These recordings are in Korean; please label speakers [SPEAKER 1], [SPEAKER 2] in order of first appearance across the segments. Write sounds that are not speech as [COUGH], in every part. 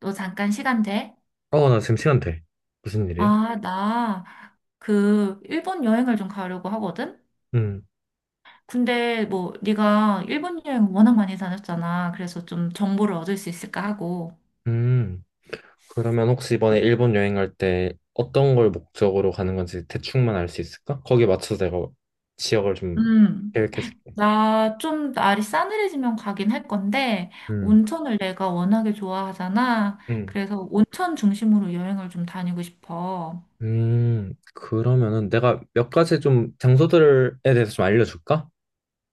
[SPEAKER 1] 너 잠깐 시간 돼?
[SPEAKER 2] 어, 나 지금 시간 돼. 무슨 일이야?
[SPEAKER 1] 아, 나 그 일본 여행을 좀 가려고 하거든?
[SPEAKER 2] 음,
[SPEAKER 1] 근데 뭐 네가 일본 여행 워낙 많이 다녔잖아. 그래서 좀 정보를 얻을 수 있을까 하고.
[SPEAKER 2] 음. 그러면 혹시 이번에 일본 여행 갈 때 어떤 걸 목적으로 가는 건지 대충만 알 수 있을까? 거기에 맞춰서 내가 지역을 좀
[SPEAKER 1] 음.
[SPEAKER 2] 계획해 줄게.
[SPEAKER 1] 나 좀 날이 싸늘해지면 가긴 할 건데
[SPEAKER 2] 음,
[SPEAKER 1] 온천을 내가 워낙에 좋아하잖아.
[SPEAKER 2] 음,
[SPEAKER 1] 그래서 온천 중심으로 여행을 좀 다니고 싶어.
[SPEAKER 2] 그러면은 내가 몇 가지 좀 장소들에 대해서 좀 알려줄까?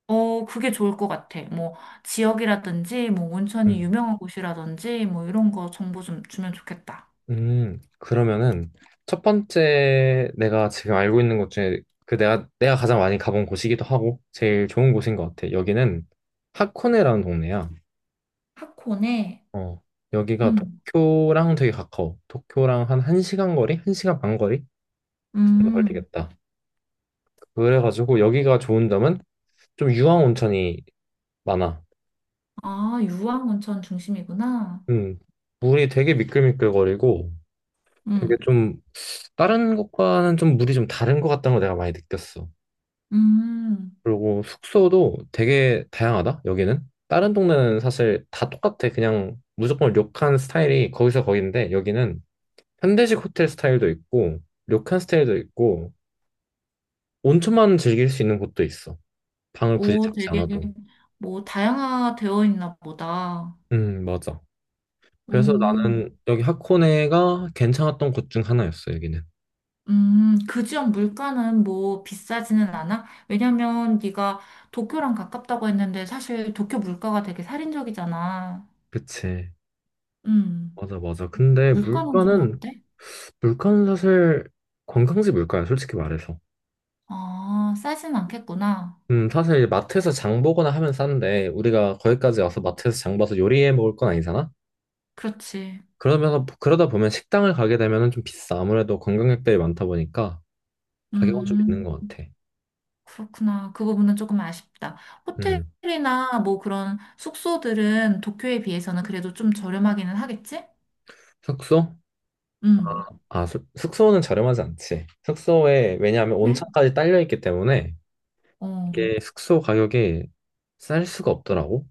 [SPEAKER 1] 어, 그게 좋을 것 같아. 뭐 지역이라든지 뭐 온천이
[SPEAKER 2] 음,
[SPEAKER 1] 유명한 곳이라든지 뭐 이런 거 정보 좀 주면 좋겠다.
[SPEAKER 2] 그러면은 첫 번째 내가 지금 알고 있는 곳 중에 그 내가 가장 많이 가본 곳이기도 하고 제일 좋은 곳인 것 같아. 여기는 하코네라는 동네야.
[SPEAKER 1] 하코네.
[SPEAKER 2] 어, 여기가
[SPEAKER 1] 음,
[SPEAKER 2] 도쿄랑 되게 가까워. 도쿄랑 한 1시간 거리? 1시간 반 거리? 그 정도
[SPEAKER 1] 음.
[SPEAKER 2] 걸리겠다. 그래가지고 여기가 좋은 점은 좀 유황 온천이 많아.
[SPEAKER 1] 아, 유황온천 중심이구나.
[SPEAKER 2] 음, 물이 되게 미끌미끌거리고 되게
[SPEAKER 1] 음,
[SPEAKER 2] 좀 다른 곳과는 좀 물이 좀 다른 것 같다는 걸 내가 많이 느꼈어.
[SPEAKER 1] 음.
[SPEAKER 2] 그리고 숙소도 되게 다양하다, 여기는. 다른 동네는 사실 다 똑같아. 그냥 무조건 료칸 스타일이 거기서 거긴데 여기는 현대식 호텔 스타일도 있고 료칸 스타일도 있고 온천만 즐길 수 있는 곳도 있어. 방을 굳이
[SPEAKER 1] 오,
[SPEAKER 2] 잡지
[SPEAKER 1] 되게
[SPEAKER 2] 않아도.
[SPEAKER 1] 뭐 다양화되어 있나 보다.
[SPEAKER 2] 맞아. 그래서
[SPEAKER 1] 음,
[SPEAKER 2] 나는 여기 하코네가 괜찮았던 곳 중 하나였어, 여기는.
[SPEAKER 1] 그 지역 물가는 뭐 비싸지는 않아? 왜냐면 네가 도쿄랑 가깝다고 했는데 사실 도쿄 물가가 되게 살인적이잖아.
[SPEAKER 2] 그치.
[SPEAKER 1] 음.
[SPEAKER 2] 맞아, 맞아. 근데
[SPEAKER 1] 물가는 좀
[SPEAKER 2] 물가는,
[SPEAKER 1] 어때?
[SPEAKER 2] 물가는 사실 관광지 물가야, 솔직히 말해서.
[SPEAKER 1] 아, 싸진 않겠구나.
[SPEAKER 2] 사실 이제 마트에서 장 보거나 하면 싼데, 우리가 거기까지 와서 마트에서 장 봐서 요리해 먹을 건 아니잖아?
[SPEAKER 1] 그렇지.
[SPEAKER 2] 그러면서, 그러다 보면 식당을 가게 되면은 좀 비싸. 아무래도 관광객들이 많다 보니까 가격은 좀 있는
[SPEAKER 1] 음.
[SPEAKER 2] 것 같아.
[SPEAKER 1] 그렇구나. 그 부분은 조금 아쉽다.
[SPEAKER 2] 음.
[SPEAKER 1] 호텔이나 뭐 그런 숙소들은 도쿄에 비해서는 그래도 좀 저렴하기는 하겠지?
[SPEAKER 2] 숙소?
[SPEAKER 1] 음.
[SPEAKER 2] 아, 숙소는 저렴하지 않지. 숙소에, 왜냐하면
[SPEAKER 1] 네.
[SPEAKER 2] 온천까지 딸려 있기 때문에
[SPEAKER 1] 어,
[SPEAKER 2] 이게 숙소 가격이 쌀 수가 없더라고.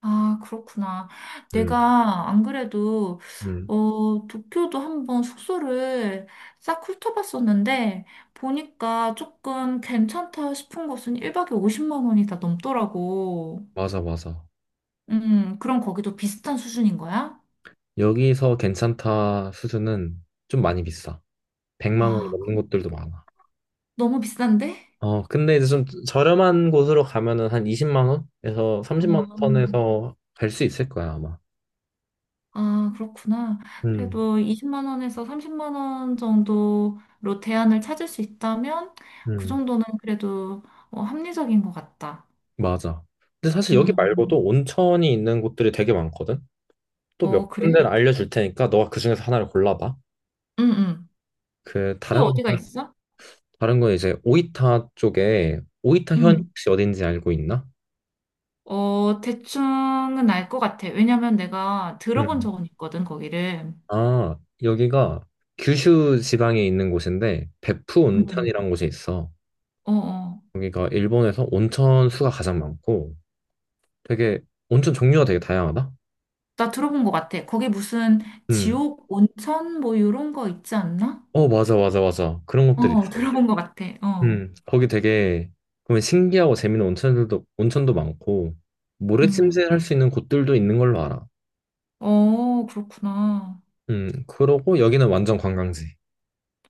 [SPEAKER 1] 아, 그렇구나.
[SPEAKER 2] 음,
[SPEAKER 1] 내가 안 그래도,
[SPEAKER 2] 음,
[SPEAKER 1] 어, 도쿄도 한번 숙소를 싹 훑어봤었는데, 보니까 조금 괜찮다 싶은 곳은 1박에 50만 원이 다 넘더라고.
[SPEAKER 2] 맞아, 맞아.
[SPEAKER 1] 그럼 거기도 비슷한 수준인 거야?
[SPEAKER 2] 여기서 괜찮다 수준은 좀 많이 비싸. 100만 원이
[SPEAKER 1] 아,
[SPEAKER 2] 넘는 곳들도 많아.
[SPEAKER 1] 너무 비싼데?
[SPEAKER 2] 어, 근데 이제 좀 저렴한 곳으로 가면은 한 20만 원에서 30만 원 선에서 갈 수 있을 거야, 아마.
[SPEAKER 1] 아, 그렇구나.
[SPEAKER 2] 음,
[SPEAKER 1] 그래도 20만 원에서 30만 원 정도로 대안을 찾을 수 있다면 그
[SPEAKER 2] 음,
[SPEAKER 1] 정도는 그래도 어, 합리적인 것 같다.
[SPEAKER 2] 맞아. 근데 사실 여기
[SPEAKER 1] 음,
[SPEAKER 2] 말고도 온천이 있는 곳들이 되게 많거든. 또
[SPEAKER 1] 어,
[SPEAKER 2] 몇
[SPEAKER 1] 그래?
[SPEAKER 2] 군데를 알려줄 테니까 너가 그 중에서 하나를 골라봐.
[SPEAKER 1] 응, 응.
[SPEAKER 2] 그
[SPEAKER 1] 또
[SPEAKER 2] 다른
[SPEAKER 1] 어디가
[SPEAKER 2] 거
[SPEAKER 1] 있어?
[SPEAKER 2] 다른 건 이제 오이타 쪽에 오이타 현
[SPEAKER 1] 응.
[SPEAKER 2] 혹시 어딘지 알고 있나?
[SPEAKER 1] 어, 대충은 알 것 같아. 왜냐면 내가 들어본
[SPEAKER 2] 음.
[SPEAKER 1] 적은 있거든, 거기를.
[SPEAKER 2] 아, 여기가 규슈 지방에 있는 곳인데 베푸
[SPEAKER 1] 응.
[SPEAKER 2] 온천이라는 곳이 있어.
[SPEAKER 1] 어, 어.
[SPEAKER 2] 여기가 일본에서 온천 수가 가장 많고 되게 온천 종류가 되게 다양하다.
[SPEAKER 1] 나 들어본 것 같아. 거기 무슨
[SPEAKER 2] 음.
[SPEAKER 1] 지옥 온천 뭐 이런 거 있지 않나?
[SPEAKER 2] 어, 맞아, 맞아, 맞아, 그런 것들이
[SPEAKER 1] 어,
[SPEAKER 2] 있어.
[SPEAKER 1] 들어본 것 같아. 어.
[SPEAKER 2] 음, 거기 되게 그러면 신기하고 재밌는 온천들도 온천도 많고 모래
[SPEAKER 1] 음.
[SPEAKER 2] 침실 할 수 있는 곳들도 있는 걸로 알아.
[SPEAKER 1] 어, 그렇구나.
[SPEAKER 2] 그러고 여기는 완전 관광지.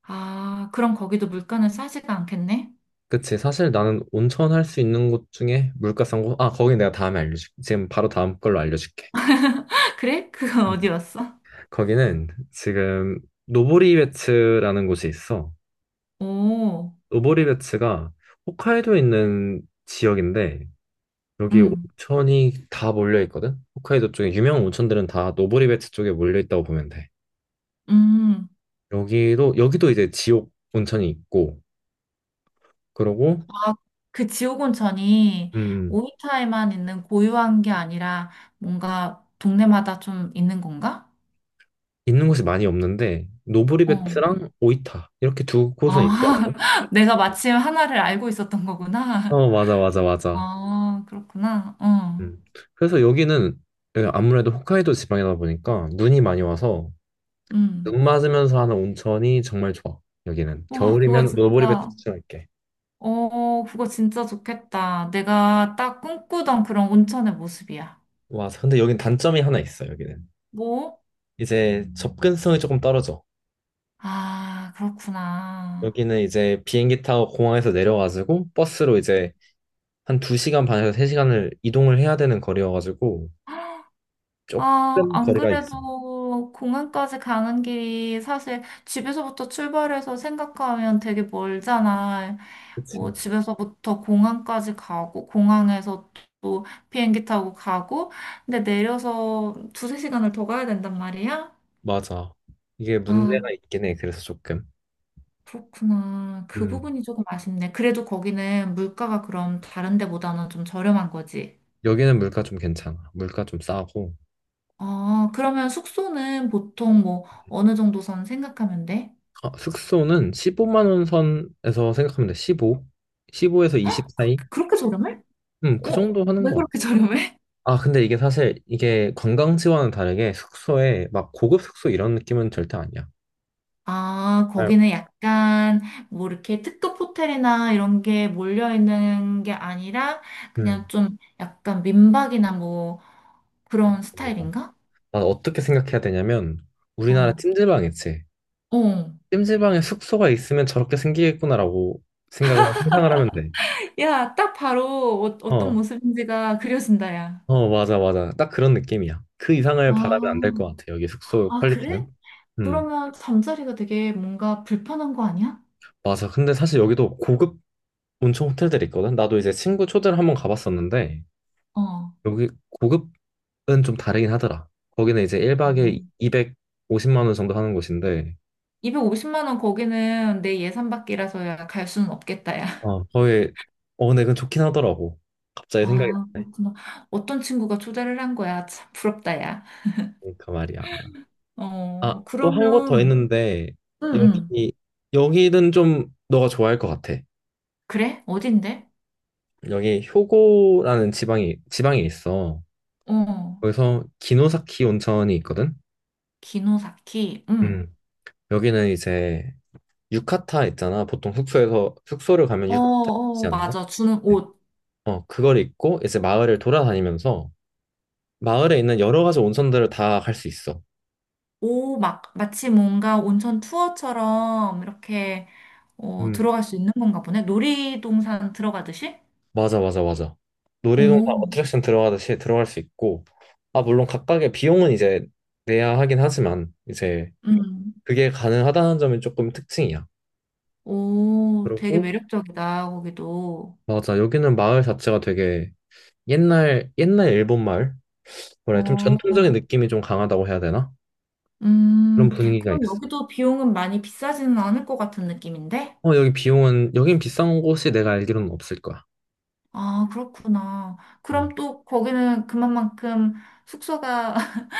[SPEAKER 1] 아, 그럼 거기도 물가는 싸지가 않겠네?
[SPEAKER 2] 그치. 사실 나는 온천 할 수 있는 곳 중에 물가 싼 곳, 아, 거기 내가 다음에 알려줄게. 지금 바로 다음 걸로 알려줄게.
[SPEAKER 1] [LAUGHS] 그래? 그건
[SPEAKER 2] 음.
[SPEAKER 1] 어디였어?
[SPEAKER 2] 거기는 지금 노보리베츠라는 곳이 있어.
[SPEAKER 1] [LAUGHS] 오,
[SPEAKER 2] 노보리베츠가 홋카이도에 있는 지역인데, 여기
[SPEAKER 1] 음,
[SPEAKER 2] 온천이 다 몰려 있거든? 홋카이도 쪽에 유명한 온천들은 다 노보리베츠 쪽에 몰려 있다고 보면 돼.
[SPEAKER 1] 음.
[SPEAKER 2] 여기도 이제 지옥 온천이 있고, 그러고,
[SPEAKER 1] 아, 그 지옥 온천이
[SPEAKER 2] 음,
[SPEAKER 1] 오이타에만 있는 고유한 게 아니라 뭔가 동네마다 좀 있는 건가?
[SPEAKER 2] 있는 곳이 많이 없는데
[SPEAKER 1] 어.
[SPEAKER 2] 노브리베트랑 오이타 이렇게 두
[SPEAKER 1] 아,
[SPEAKER 2] 곳은 있더라.
[SPEAKER 1] [LAUGHS] 내가 마침 하나를 알고 있었던 거구나.
[SPEAKER 2] 어, 맞아, 맞아,
[SPEAKER 1] [LAUGHS]
[SPEAKER 2] 맞아.
[SPEAKER 1] 아, 그렇구나. 어,
[SPEAKER 2] 음. 그래서 여기는 아무래도 홋카이도 지방이다 보니까 눈이 많이 와서
[SPEAKER 1] 음.
[SPEAKER 2] 눈 맞으면서 하는 온천이 정말 좋아. 여기는
[SPEAKER 1] 와, 그거
[SPEAKER 2] 겨울이면 노브리베트
[SPEAKER 1] 진짜,
[SPEAKER 2] 추천할게.
[SPEAKER 1] 어, 그거 진짜 좋겠다. 내가 딱 꿈꾸던 그런 온천의 모습이야.
[SPEAKER 2] 와, 근데 여긴 단점이 하나 있어. 여기는
[SPEAKER 1] 뭐?
[SPEAKER 2] 이제 접근성이 조금 떨어져.
[SPEAKER 1] 아, 그렇구나.
[SPEAKER 2] 여기는 이제 비행기 타고 공항에서 내려가지고 버스로
[SPEAKER 1] 음.
[SPEAKER 2] 이제 한 두 시간 반에서 세 시간을 이동을 해야 되는 거리여가지고
[SPEAKER 1] 아,
[SPEAKER 2] 조금
[SPEAKER 1] 안
[SPEAKER 2] 거리가 있어.
[SPEAKER 1] 그래도 공항까지 가는 길이 사실 집에서부터 출발해서 생각하면 되게 멀잖아.
[SPEAKER 2] 그치.
[SPEAKER 1] 뭐 집에서부터 공항까지 가고 공항에서 또 비행기 타고 가고 근데 내려서 두세 시간을 더 가야 된단 말이야?
[SPEAKER 2] 맞아. 이게
[SPEAKER 1] 아,
[SPEAKER 2] 문제가 있긴 해. 그래서 조금.
[SPEAKER 1] 그렇구나. 그
[SPEAKER 2] 음.
[SPEAKER 1] 부분이 조금 아쉽네. 그래도 거기는 물가가 그럼 다른 데보다는 좀 저렴한 거지.
[SPEAKER 2] 여기는 물가 좀 괜찮아. 물가 좀 싸고.
[SPEAKER 1] 아, 그러면 숙소는 보통 뭐 어느 정도 선 생각하면 돼?
[SPEAKER 2] 아, 숙소는 15만 원 선에서 생각하면 돼. 15. 15에서 20 사이?
[SPEAKER 1] 그렇게 저렴해?
[SPEAKER 2] 그
[SPEAKER 1] 어?
[SPEAKER 2] 정도 하는
[SPEAKER 1] 왜
[SPEAKER 2] 것 같아.
[SPEAKER 1] 그렇게 저렴해?
[SPEAKER 2] 아, 근데 이게 사실 이게 관광지와는 다르게 숙소에 막 고급 숙소 이런 느낌은 절대 아니야.
[SPEAKER 1] 아,
[SPEAKER 2] 아,
[SPEAKER 1] 거기는 약간 뭐 이렇게 특급 호텔이나 이런 게 몰려 있는 게 아니라 그냥
[SPEAKER 2] 음.
[SPEAKER 1] 좀 약간 민박이나 뭐 그런
[SPEAKER 2] 맞아.
[SPEAKER 1] 스타일인가?
[SPEAKER 2] 난 어떻게 생각해야 되냐면 우리나라
[SPEAKER 1] 어.
[SPEAKER 2] 찜질방 있지.
[SPEAKER 1] 어.
[SPEAKER 2] 찜질방에 숙소가 있으면 저렇게 생기겠구나라고 생각을 상상을 하면 돼.
[SPEAKER 1] 야, 딱 바로 어, 어떤
[SPEAKER 2] 어.
[SPEAKER 1] 모습인지가 그려진다, 야.
[SPEAKER 2] 어, 맞아, 맞아. 딱 그런 느낌이야. 그 이상을
[SPEAKER 1] 아,
[SPEAKER 2] 바라면 안 될 것 같아. 여기 숙소
[SPEAKER 1] 아, 그래?
[SPEAKER 2] 퀄리티는. 음,
[SPEAKER 1] 그러면 잠자리가 되게 뭔가 불편한 거 아니야?
[SPEAKER 2] 맞아. 근데 사실 여기도 고급 온천 호텔들이 있거든. 나도 이제 친구 초대를 한번 가봤었는데,
[SPEAKER 1] 어.
[SPEAKER 2] 여기 고급은 좀 다르긴 하더라. 거기는 이제 1박에
[SPEAKER 1] 어.
[SPEAKER 2] 250만 원 정도 하는 곳인데,
[SPEAKER 1] 250만 원 거기는 내 예산 밖이라서야 갈 수는 없겠다, 야.
[SPEAKER 2] 어, 거의, 어, 근데 그건 좋긴 하더라고. 갑자기 생각이
[SPEAKER 1] 아,
[SPEAKER 2] 났네.
[SPEAKER 1] 그렇구나. 어떤 친구가 초대를 한 거야? 참 부럽다, 야.
[SPEAKER 2] 그러니까 말이야. 아,
[SPEAKER 1] 어,
[SPEAKER 2] 또 한 곳 더
[SPEAKER 1] 그러면,
[SPEAKER 2] 있는데,
[SPEAKER 1] 응, 응.
[SPEAKER 2] 여기, 여기는 좀 너가 좋아할 것 같아.
[SPEAKER 1] 그래? 어딘데?
[SPEAKER 2] 여기 효고라는 지방이 있어.
[SPEAKER 1] 어,
[SPEAKER 2] 거기서 기노사키 온천이 있거든.
[SPEAKER 1] 기노사키, 응.
[SPEAKER 2] 음. 여기는 이제 유카타 있잖아. 보통 숙소에서 숙소를 가면
[SPEAKER 1] 어,
[SPEAKER 2] 유카타
[SPEAKER 1] 어,
[SPEAKER 2] 있지 않나?
[SPEAKER 1] 맞아. 주는
[SPEAKER 2] 네.
[SPEAKER 1] 옷.
[SPEAKER 2] 어, 그걸 입고 이제 마을을 돌아다니면서 마을에 있는 여러 가지 온천들을 다 갈 수 있어.
[SPEAKER 1] 오 막, 마치 뭔가 온천 투어처럼 이렇게, 어,
[SPEAKER 2] 음.
[SPEAKER 1] 들어갈 수 있는 건가 보네. 놀이동산 들어가듯이?
[SPEAKER 2] 맞아, 맞아, 맞아. 놀이동산
[SPEAKER 1] 오,
[SPEAKER 2] 어트랙션 들어가듯이 들어갈 수 있고, 아, 물론 각각의 비용은 이제 내야 하긴 하지만 이제
[SPEAKER 1] 응.
[SPEAKER 2] 그게 가능하다는 점이 조금 특징이야.
[SPEAKER 1] 오, 되게
[SPEAKER 2] 그리고
[SPEAKER 1] 매력적이다, 거기도.
[SPEAKER 2] 맞아. 여기는 마을 자체가 되게 옛날, 옛날 일본 마을? 뭐래, 좀 전통적인
[SPEAKER 1] 어.
[SPEAKER 2] 느낌이 좀 강하다고 해야 되나? 그런 분위기가
[SPEAKER 1] 그럼
[SPEAKER 2] 있어.
[SPEAKER 1] 여기도 비용은 많이 비싸지는 않을 것 같은 느낌인데?
[SPEAKER 2] 어, 여기 비용은, 여긴 비싼 곳이 내가 알기로는 없을 거야.
[SPEAKER 1] 아, 그렇구나.
[SPEAKER 2] 음.
[SPEAKER 1] 그럼 또 거기는 그만큼 숙소가 [LAUGHS]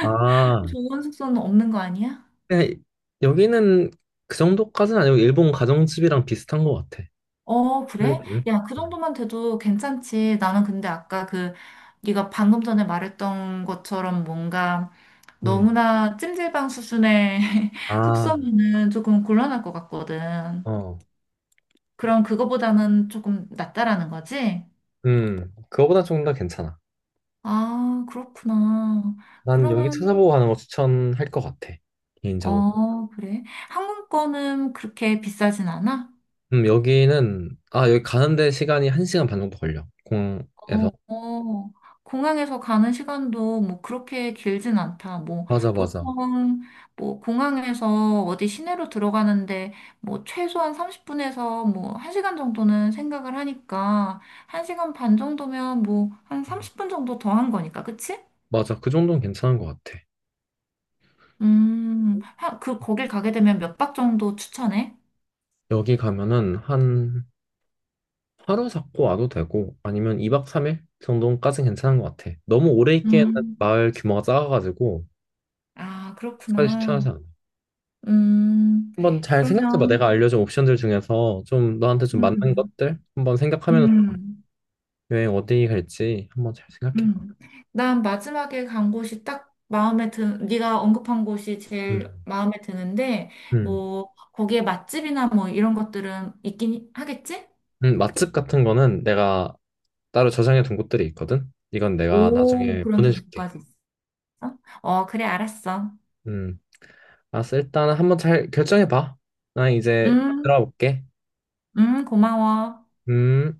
[SPEAKER 2] 아,
[SPEAKER 1] 좋은 숙소는 없는 거 아니야?
[SPEAKER 2] 그냥 여기는 그 정도까지는 아니고, 일본 가정집이랑 비슷한 것 같아.
[SPEAKER 1] 어,
[SPEAKER 2] 플레이
[SPEAKER 1] 그래?
[SPEAKER 2] 트
[SPEAKER 1] 야, 그
[SPEAKER 2] 음.
[SPEAKER 1] 정도만 돼도 괜찮지. 나는 근데 아까 그 네가 방금 전에 말했던 것처럼 뭔가
[SPEAKER 2] 음.
[SPEAKER 1] 너무나 찜질방 수준의 [LAUGHS]
[SPEAKER 2] 아,
[SPEAKER 1] 숙소면은 조금 곤란할 것 같거든.
[SPEAKER 2] 어.
[SPEAKER 1] 그럼 그거보다는 조금 낫다라는 거지?
[SPEAKER 2] 음. 그거보다 조금 더 괜찮아.
[SPEAKER 1] 아, 그렇구나.
[SPEAKER 2] 난 여기
[SPEAKER 1] 그러면,
[SPEAKER 2] 찾아보고 가는 거 추천할 것 같아. 개인적으로.
[SPEAKER 1] 어, 그래. 항공권은 그렇게 비싸진 않아?
[SPEAKER 2] 여기는, 아, 여기 가는데 시간이 한 시간 반 정도 걸려. 공에서.
[SPEAKER 1] 어, 어. 공항에서 가는 시간도 뭐 그렇게 길진 않다. 뭐
[SPEAKER 2] 맞아, 맞아.
[SPEAKER 1] 보통 뭐 공항에서 어디 시내로 들어가는데 뭐 최소한 30분에서 뭐 1시간 정도는 생각을 하니까 1시간 반 정도면 뭐 한 30분 정도 더한 거니까. 그치?
[SPEAKER 2] 맞아. 그 정도는 괜찮은 것 같아.
[SPEAKER 1] 그 거길 가게 되면 몇 박 정도 추천해?
[SPEAKER 2] 여기 가면은 한 하루 잡고 와도 되고, 아니면 2박 3일 정도까지 는 괜찮은 것 같아. 너무 오래 있기에는
[SPEAKER 1] 음.
[SPEAKER 2] 마을 규모가 작아가지고,
[SPEAKER 1] 아,
[SPEAKER 2] 까지
[SPEAKER 1] 그렇구나.
[SPEAKER 2] 추천하지 않아.
[SPEAKER 1] 음,
[SPEAKER 2] 한번 잘 생각해봐. 내가
[SPEAKER 1] 그러면,
[SPEAKER 2] 알려준 옵션들 중에서 좀 너한테 좀 맞는
[SPEAKER 1] 음,
[SPEAKER 2] 것들 한번 생각하면서
[SPEAKER 1] 음,
[SPEAKER 2] 여행 어디 갈지 한번 잘 생각해봐.
[SPEAKER 1] 음. 난 마지막에 간 곳이 딱 네가 언급한 곳이 제일
[SPEAKER 2] 음,
[SPEAKER 1] 마음에 드는데,
[SPEAKER 2] 음.
[SPEAKER 1] 뭐, 거기에 맛집이나 뭐 이런 것들은 있긴 하겠지?
[SPEAKER 2] 맛집 같은 거는 내가 따로 저장해 둔 곳들이 있거든. 이건 내가
[SPEAKER 1] 오,
[SPEAKER 2] 나중에
[SPEAKER 1] 그런
[SPEAKER 2] 보내줄게.
[SPEAKER 1] 정보까지 있어? 어, 그래, 알았어.
[SPEAKER 2] 음, 알았어. 일단은 한번 잘 결정해 봐. 나 이제
[SPEAKER 1] 음,
[SPEAKER 2] 들어볼게.
[SPEAKER 1] 고마워.
[SPEAKER 2] 음.